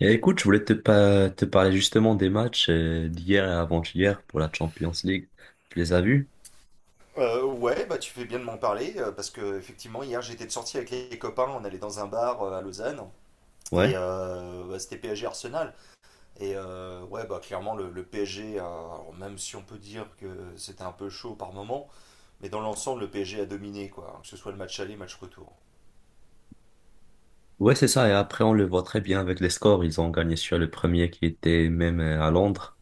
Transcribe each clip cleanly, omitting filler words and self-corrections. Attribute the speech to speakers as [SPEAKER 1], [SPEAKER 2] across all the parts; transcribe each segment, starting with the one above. [SPEAKER 1] Et écoute, je voulais te parler justement des matchs d'hier et avant-hier pour la Champions League. Tu les as vus?
[SPEAKER 2] Ouais, bah tu fais bien de m'en parler parce que effectivement hier j'étais de sortie avec les copains, on allait dans un bar à Lausanne et
[SPEAKER 1] Ouais.
[SPEAKER 2] bah, c'était PSG Arsenal et ouais bah clairement le PSG, alors, même si on peut dire que c'était un peu chaud par moment, mais dans l'ensemble le PSG a dominé quoi, hein, que ce soit le match aller, match retour.
[SPEAKER 1] Ouais, c'est ça. Et après, on le voit très bien avec les scores. Ils ont gagné sur le premier qui était même à Londres.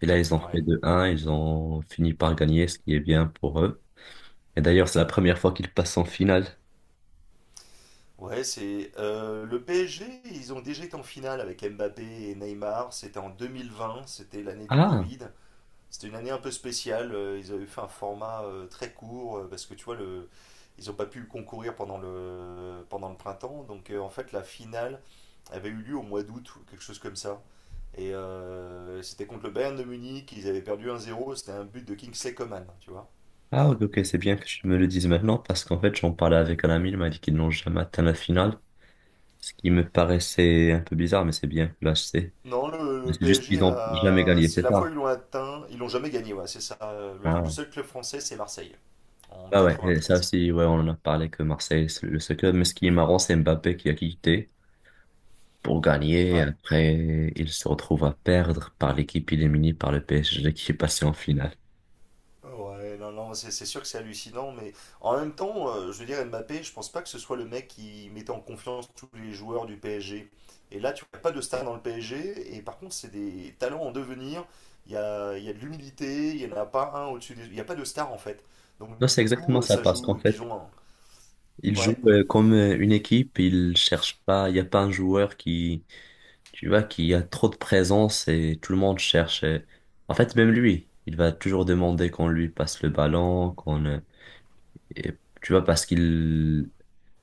[SPEAKER 1] Et là, ils ont fait
[SPEAKER 2] Ouais,
[SPEAKER 1] 2 un. Ils ont fini par gagner, ce qui est bien pour eux. Et d'ailleurs, c'est la première fois qu'ils passent en finale.
[SPEAKER 2] ouais, c'est le PSG, ils ont déjà été en finale avec Mbappé et Neymar, c'était en 2020, c'était l'année du
[SPEAKER 1] Ah,
[SPEAKER 2] Covid. C'était une année un peu spéciale. Ils avaient fait un format très court parce que tu vois, ils n'ont pas pu concourir pendant le printemps. Donc en fait, la finale avait eu lieu au mois d'août ou quelque chose comme ça. Et c'était contre le Bayern de Munich. Ils avaient perdu 1-0. C'était un but de Kingsley Coman, tu vois.
[SPEAKER 1] ah, ok, ok, c'est bien que tu me le dises maintenant parce qu'en fait, j'en parlais avec un ami. Il m'a dit qu'ils n'ont jamais atteint la finale. Ce qui me paraissait un peu bizarre, mais c'est bien que là, je sais.
[SPEAKER 2] Non, le,
[SPEAKER 1] Mais
[SPEAKER 2] le
[SPEAKER 1] c'est juste qu'ils
[SPEAKER 2] PSG,
[SPEAKER 1] n'ont jamais gagné,
[SPEAKER 2] c'est
[SPEAKER 1] c'est
[SPEAKER 2] la fois où
[SPEAKER 1] ça.
[SPEAKER 2] ils l'ont atteint. Ils l'ont jamais gagné, ouais, c'est ça. Le
[SPEAKER 1] Ah,
[SPEAKER 2] seul club français, c'est Marseille, en
[SPEAKER 1] ah ouais, et ça
[SPEAKER 2] 93.
[SPEAKER 1] aussi, ouais, on en a parlé que Marseille, c'est le seul club. Mais ce qui est marrant, c'est Mbappé qui a quitté pour gagner. Et
[SPEAKER 2] Ouais.
[SPEAKER 1] après, il se retrouve à perdre par l'équipe éliminée par le PSG qui est passé en finale.
[SPEAKER 2] Ouais, non, non, c'est sûr que c'est hallucinant, mais en même temps, je veux dire, Mbappé, je pense pas que ce soit le mec qui mettait en confiance tous les joueurs du PSG. Et là, tu n'as pas de star dans le PSG, et par contre, c'est des talents en devenir. Il y a de l'humilité, il n'y en a pas un au-dessus des... Il n'y a pas de star, en fait. Donc,
[SPEAKER 1] Non, c'est
[SPEAKER 2] du coup,
[SPEAKER 1] exactement ça,
[SPEAKER 2] ça
[SPEAKER 1] parce
[SPEAKER 2] joue,
[SPEAKER 1] qu'en
[SPEAKER 2] et puis ils
[SPEAKER 1] fait,
[SPEAKER 2] ont un...
[SPEAKER 1] ils jouent
[SPEAKER 2] Ouais,
[SPEAKER 1] comme une équipe, ils cherchent pas, il n'y a pas un joueur qui, tu vois, qui a trop de présence et tout le monde cherche. En fait, même lui, il va toujours demander qu'on lui passe le ballon, et, tu vois, parce qu'il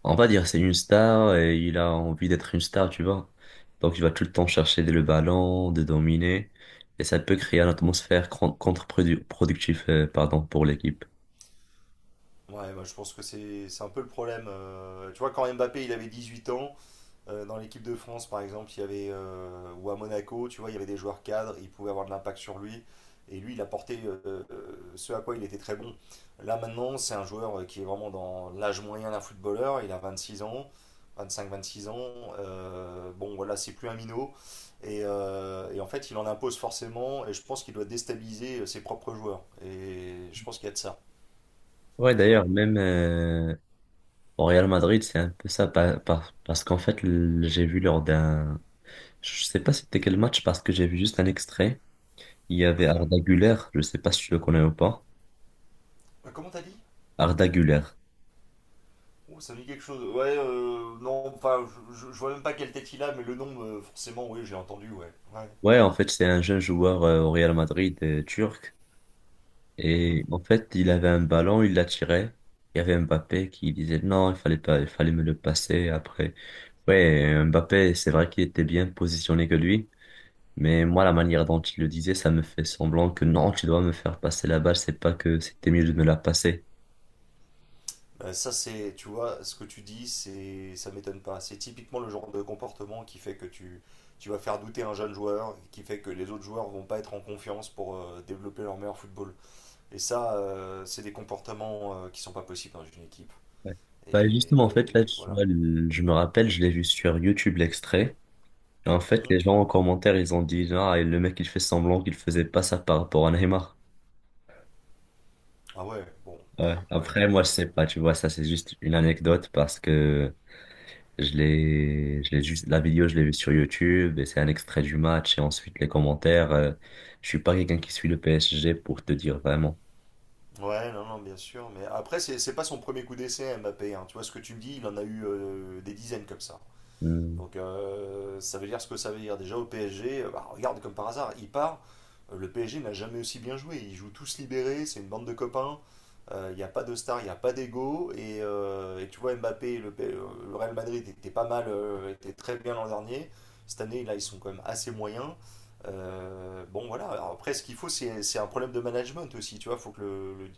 [SPEAKER 1] on va dire c'est une star et il a envie d'être une star, tu vois. Donc il va tout le temps chercher le ballon, de dominer, et ça peut créer une atmosphère contre-productive, pardon, pour l'équipe.
[SPEAKER 2] ouais, bah, je pense que c'est un peu le problème. Tu vois, quand Mbappé, il avait 18 ans. Dans l'équipe de France, par exemple, il y avait, ou à Monaco, tu vois, il y avait des joueurs cadres, ils pouvaient avoir de l'impact sur lui. Et lui, il apportait ce à quoi il était très bon. Là, maintenant, c'est un joueur qui est vraiment dans l'âge moyen d'un footballeur. Il a 26 ans, 25-26 ans. Bon, voilà, c'est plus un minot. Et, en fait, il en impose forcément. Et je pense qu'il doit déstabiliser ses propres joueurs. Et je pense qu'il y a de ça,
[SPEAKER 1] Ouais,
[SPEAKER 2] tu vois.
[SPEAKER 1] d'ailleurs, même au Real Madrid, c'est un peu ça, parce qu'en fait, le- j'ai vu lors d'un, je sais pas c'était quel match, parce que j'ai vu juste un extrait. Il y avait Arda Güler, je sais pas si tu le connais ou pas.
[SPEAKER 2] Comment t'as dit?
[SPEAKER 1] Arda Güler.
[SPEAKER 2] Oh, ça me dit quelque chose. Ouais, non, enfin, je vois même pas quelle tête il a, mais le nom, forcément, oui, j'ai entendu, ouais. Ouais.
[SPEAKER 1] Ouais, en fait, c'est un jeune joueur au Real Madrid turc.
[SPEAKER 2] Mhm.
[SPEAKER 1] Et en fait, il avait un ballon, il l'a tiré. Il y avait Mbappé qui disait non, il fallait pas, il fallait me le passer après. Ouais, Mbappé, c'est vrai qu'il était bien positionné que lui, mais moi, la manière dont il le disait, ça me fait semblant que non, tu dois me faire passer la balle, c'est pas que c'était mieux de me la passer.
[SPEAKER 2] Ça, c'est, tu vois, ce que tu dis, c'est, ça m'étonne pas. C'est typiquement le genre de comportement qui fait que tu vas faire douter un jeune joueur, qui fait que les autres joueurs vont pas être en confiance pour développer leur meilleur football. Et ça, c'est des comportements qui sont pas possibles dans une équipe.
[SPEAKER 1] Ouais. Bah, justement, en fait, là,
[SPEAKER 2] Et
[SPEAKER 1] tu
[SPEAKER 2] voilà.
[SPEAKER 1] vois, le- je me rappelle, je l'ai vu sur YouTube l'extrait. Et en fait,
[SPEAKER 2] Mhm.
[SPEAKER 1] les gens en commentaire, ils ont dit, ah, et le mec, il fait semblant qu'il faisait pas ça par rapport à Neymar.
[SPEAKER 2] Ah ouais, bon,
[SPEAKER 1] Ouais. Après, moi, je
[SPEAKER 2] pff, ouais.
[SPEAKER 1] sais pas, tu vois, ça, c'est juste une anecdote parce que je l'ai juste, la vidéo, je l'ai vue sur YouTube et c'est un extrait du match et ensuite les commentaires. Je suis pas quelqu'un qui suit le PSG pour te dire vraiment.
[SPEAKER 2] Ouais, non, non, bien sûr. Mais après, c'est pas son premier coup d'essai, Mbappé, hein. Tu vois ce que tu me dis, il en a eu des dizaines comme ça.
[SPEAKER 1] Hmm.
[SPEAKER 2] Donc ça veut dire ce que ça veut dire. Déjà au PSG, bah, regarde comme par hasard, il part. Le PSG n'a jamais aussi bien joué. Ils jouent tous libérés, c'est une bande de copains. Il n'y a pas de star, il n'y a pas d'ego. Et, tu vois Mbappé, le Real Madrid était pas mal, était très bien l'an dernier. Cette année, là, ils sont quand même assez moyens. Bon voilà, alors, après ce qu'il faut, c'est un problème de management aussi. Tu vois, il faut que le, le-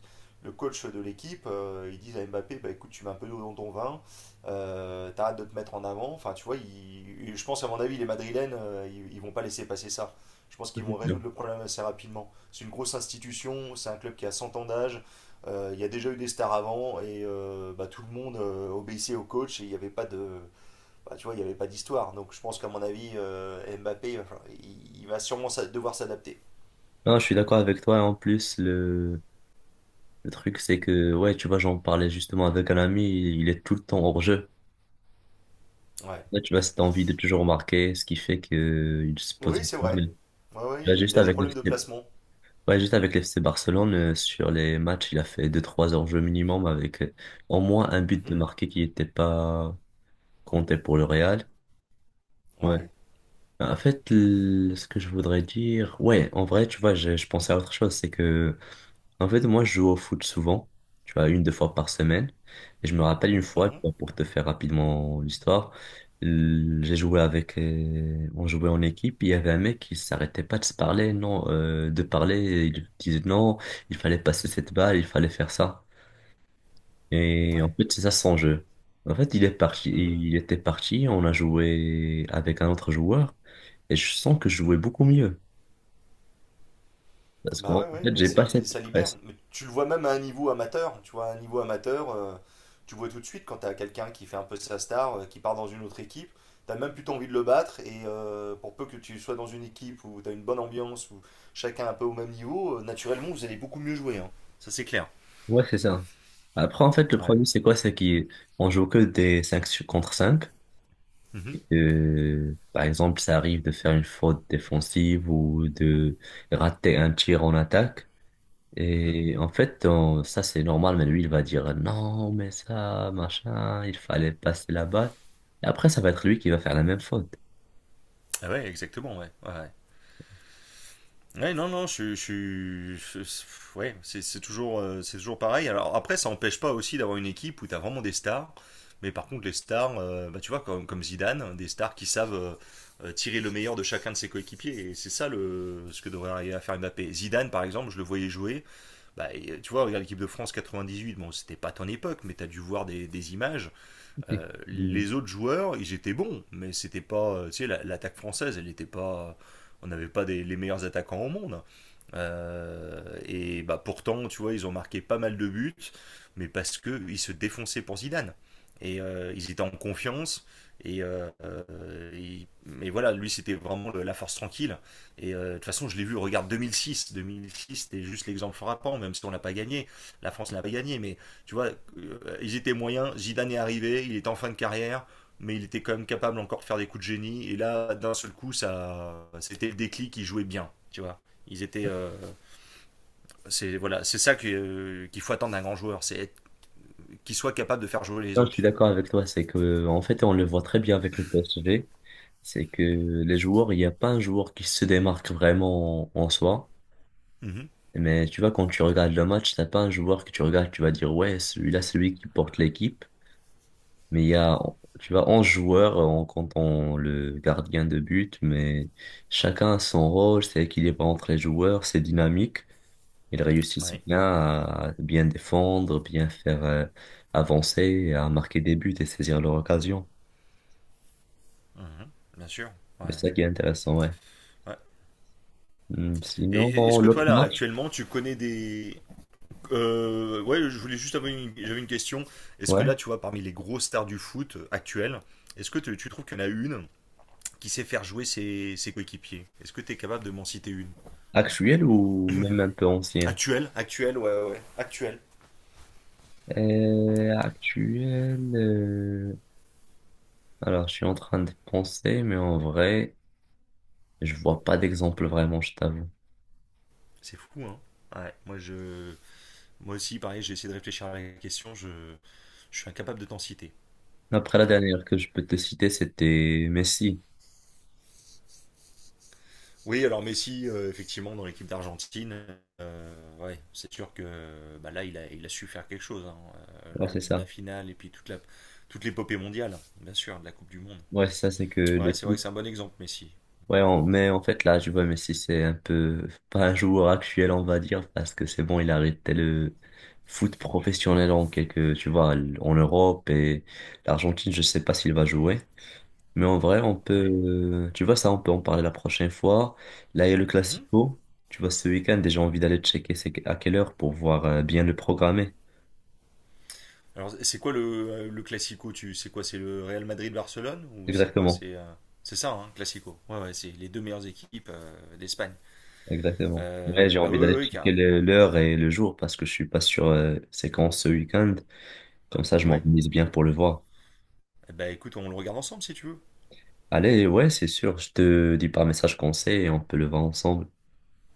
[SPEAKER 2] le coach de l'équipe, il dise à Mbappé, bah, écoute, tu mets un peu d'eau dans ton vin t'arrêtes de te mettre en avant. Enfin, tu vois, je pense, à mon avis, les Madrilènes, ils vont pas laisser passer ça. Je pense
[SPEAKER 1] Ça,
[SPEAKER 2] qu'ils vont
[SPEAKER 1] c'est sûr.
[SPEAKER 2] résoudre le problème assez rapidement. C'est une grosse institution, c'est un club qui a 100 ans d'âge, il y a déjà eu des stars avant, et bah, tout le monde obéissait au coach, et il n'y avait pas de, bah, tu vois, il y avait pas d'histoire. Donc je pense qu'à mon avis, Mbappé, enfin, il va sûrement devoir s'adapter.
[SPEAKER 1] Non, je suis d'accord avec toi. En plus, le truc, c'est que, ouais, tu vois, j'en parlais justement avec un ami, il est tout le temps hors jeu.
[SPEAKER 2] Ouais.
[SPEAKER 1] Là, tu vois, cette envie de toujours marquer, ce qui fait que il se
[SPEAKER 2] Oui, c'est vrai.
[SPEAKER 1] positionne.
[SPEAKER 2] Ouais, ouais,
[SPEAKER 1] Tu vois,
[SPEAKER 2] il,
[SPEAKER 1] juste
[SPEAKER 2] il a des
[SPEAKER 1] avec le
[SPEAKER 2] problèmes de placement.
[SPEAKER 1] ouais, juste avec l'FC Barcelone, sur les matchs, il a fait deux trois enjeux minimum avec au moins un but de
[SPEAKER 2] Mhm.
[SPEAKER 1] marqué qui n'était pas compté pour le Real. Ouais.
[SPEAKER 2] Ouais.
[SPEAKER 1] En fait, l- ce que je voudrais dire, ouais, en vrai, tu vois, je pensais à autre chose, c'est que en fait, moi, je joue au foot souvent, tu vois, une, deux fois par semaine. Et je me rappelle une fois, tu
[SPEAKER 2] Mhm.
[SPEAKER 1] vois, pour te faire rapidement l'histoire, l- j'ai joué avec, on jouait en équipe, il y avait un mec qui s'arrêtait pas de se parler, non, de parler, il disait non, il fallait passer cette balle, il fallait faire ça. Et en
[SPEAKER 2] Ouais.
[SPEAKER 1] fait, c'est ça son jeu. En fait, il est parti,
[SPEAKER 2] Mhm.
[SPEAKER 1] il était parti, on a joué avec un autre joueur, et je sens que je jouais beaucoup mieux. Parce
[SPEAKER 2] Bah
[SPEAKER 1] qu'en
[SPEAKER 2] ouais, ouais,
[SPEAKER 1] fait,
[SPEAKER 2] mais
[SPEAKER 1] j'ai pas
[SPEAKER 2] c'est,
[SPEAKER 1] cette,
[SPEAKER 2] ça libère. Mais tu le vois même à un niveau amateur. Tu vois, à un niveau amateur, tu vois tout de suite quand t'as quelqu'un qui fait un peu sa star, qui part dans une autre équipe, t'as même plutôt envie de le battre. Et pour peu que tu sois dans une équipe où t'as une bonne ambiance, où chacun est un peu au même niveau, naturellement vous allez beaucoup mieux jouer, hein. Ça c'est clair.
[SPEAKER 1] ouais, c'est ça. Après, en fait, le
[SPEAKER 2] Ouais.
[SPEAKER 1] problème, c'est quoi? C'est qu'on joue que des 5 contre 5 et
[SPEAKER 2] Mhm,
[SPEAKER 1] que, par exemple, ça arrive de faire une faute défensive ou de rater un tir en attaque.
[SPEAKER 2] mhm.
[SPEAKER 1] Et en fait, on- ça, c'est normal, mais lui, il va dire non, mais ça, machin, il fallait passer la balle. Et après, ça va être lui qui va faire la même faute.
[SPEAKER 2] Ah ouais, exactement, ouais, ouais, ouais. Ouais, non, non, je suis. Ouais, c'est toujours, c'est toujours pareil. Alors après, ça n'empêche pas aussi d'avoir une équipe où tu as vraiment des stars. Mais par contre, les stars, bah, tu vois, comme Zidane, des stars qui savent tirer le meilleur de chacun de ses coéquipiers. Et c'est ça ce que devrait arriver à faire Mbappé. Zidane, par exemple, je le voyais jouer. Bah, et, tu vois, regarde l'équipe de France 98. Bon, c'était pas ton époque, mais tu as dû voir des images. Les autres joueurs, ils étaient bons. Mais c'était pas. Tu sais, l'attaque française, elle n'était pas. On n'avait pas les meilleurs attaquants au monde. Et bah pourtant, tu vois, ils ont marqué pas mal de buts, mais parce que ils se défonçaient pour Zidane. Et ils étaient en confiance. Et, euh, mais voilà, lui, c'était vraiment la force tranquille. Et de toute façon, je l'ai vu, regarde 2006. 2006, c'était juste l'exemple frappant, même si on n'a pas gagné. La France n'a pas gagné, mais tu vois, ils étaient moyens. Zidane est arrivé, il était en fin de carrière, mais il était quand même capable encore de faire des coups de génie. Et là, d'un seul coup, ça, c'était le déclic, il jouait bien, tu vois. Ils étaient. C'est voilà, c'est ça que, qu'il faut attendre d'un grand joueur, c'est qu'il soit capable de faire jouer les
[SPEAKER 1] Non, je suis
[SPEAKER 2] autres.
[SPEAKER 1] d'accord avec toi, c'est que en fait on le voit très bien avec le PSG, c'est que les joueurs, il n'y a pas un joueur qui se démarque vraiment en soi,
[SPEAKER 2] Mhm.
[SPEAKER 1] mais tu vois quand tu regardes le match, t'as pas un joueur que tu regardes, tu vas dire ouais, celui-là c'est lui qui porte l'équipe, mais il y a tu vois 11 joueurs en comptant le gardien de but, mais chacun a son rôle, c'est équilibré entre les joueurs, c'est dynamique, ils réussissent
[SPEAKER 2] Oui,
[SPEAKER 1] bien à bien défendre, bien faire avancer, à marquer des buts et saisir leur occasion.
[SPEAKER 2] mhm, bien sûr.
[SPEAKER 1] C'est
[SPEAKER 2] Ouais.
[SPEAKER 1] ça qui est intéressant, ouais.
[SPEAKER 2] Ouais.
[SPEAKER 1] Hmm, sinon, bon,
[SPEAKER 2] Est-ce que toi
[SPEAKER 1] l'autre
[SPEAKER 2] là
[SPEAKER 1] match,
[SPEAKER 2] actuellement tu connais des ouais je voulais juste avoir une... j'avais une question. Est-ce que
[SPEAKER 1] ouais.
[SPEAKER 2] là tu vois parmi les grosses stars du foot actuelles, est-ce que tu trouves qu'il y en a une qui sait faire jouer ses coéquipiers, est-ce que tu es capable de m'en citer une?
[SPEAKER 1] Actuel ou même un peu ancien?
[SPEAKER 2] Actuelle, actuelle, ouais, ouais, ouais. Actuelle.
[SPEAKER 1] Actuel. Alors, je suis en train de penser, mais en vrai, je vois pas d'exemple vraiment, je t'avoue.
[SPEAKER 2] C'est fou, hein. Ouais, moi je Moi aussi, pareil, j'ai essayé de réfléchir à la question, je suis incapable de t'en citer.
[SPEAKER 1] Après, la
[SPEAKER 2] Ouais.
[SPEAKER 1] dernière que je peux te citer, c'était Messi.
[SPEAKER 2] Oui, alors Messi, effectivement, dans l'équipe d'Argentine, ouais, c'est sûr que bah, là, il a su faire quelque chose, hein,
[SPEAKER 1] Ouais,
[SPEAKER 2] lors de
[SPEAKER 1] c'est
[SPEAKER 2] la
[SPEAKER 1] ça.
[SPEAKER 2] finale et puis toute l'épopée mondiale, bien sûr, de la Coupe du Monde.
[SPEAKER 1] Ouais, c'est ça, c'est que
[SPEAKER 2] Ouais, c'est vrai que
[SPEAKER 1] l'équipe
[SPEAKER 2] c'est un bon exemple, Messi.
[SPEAKER 1] ouais,
[SPEAKER 2] Mais
[SPEAKER 1] on- mais en fait, là, je vois Messi, c'est un peu pas un joueur actuel, on va dire, parce que c'est bon, il a arrêté le foot professionnel en quelque, tu vois, en Europe et l'Argentine, je sais pas s'il va jouer. Mais en vrai, on peut,
[SPEAKER 2] ouais.
[SPEAKER 1] tu vois, ça, on peut en parler la prochaine fois. Là, il y a le
[SPEAKER 2] Mhm.
[SPEAKER 1] Classico. Tu vois, ce week-end, et j'ai envie d'aller checker c'est à quelle heure pour voir bien le programmer.
[SPEAKER 2] Alors, c'est quoi le classico, c'est quoi, c'est le Real Madrid-Barcelone ou c'est quoi,
[SPEAKER 1] Exactement,
[SPEAKER 2] c'est ça, hein, classico. Ouais, ouais, c'est les deux meilleures équipes d'Espagne.
[SPEAKER 1] exactement. Ouais, j'ai
[SPEAKER 2] Bah
[SPEAKER 1] envie
[SPEAKER 2] ouais, ouais,
[SPEAKER 1] d'aller
[SPEAKER 2] ouais,
[SPEAKER 1] checker le- l'heure et le jour parce que je suis pas sûr c'est quand ce week-end. Comme ça, je
[SPEAKER 2] ouais.
[SPEAKER 1] m'organise bien pour le voir.
[SPEAKER 2] Eh ben écoute, on le regarde ensemble si tu veux.
[SPEAKER 1] Allez, ouais, c'est sûr, je te dis par message conseil et on peut le voir ensemble.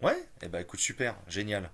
[SPEAKER 2] Ouais. Eh ben écoute, super, génial.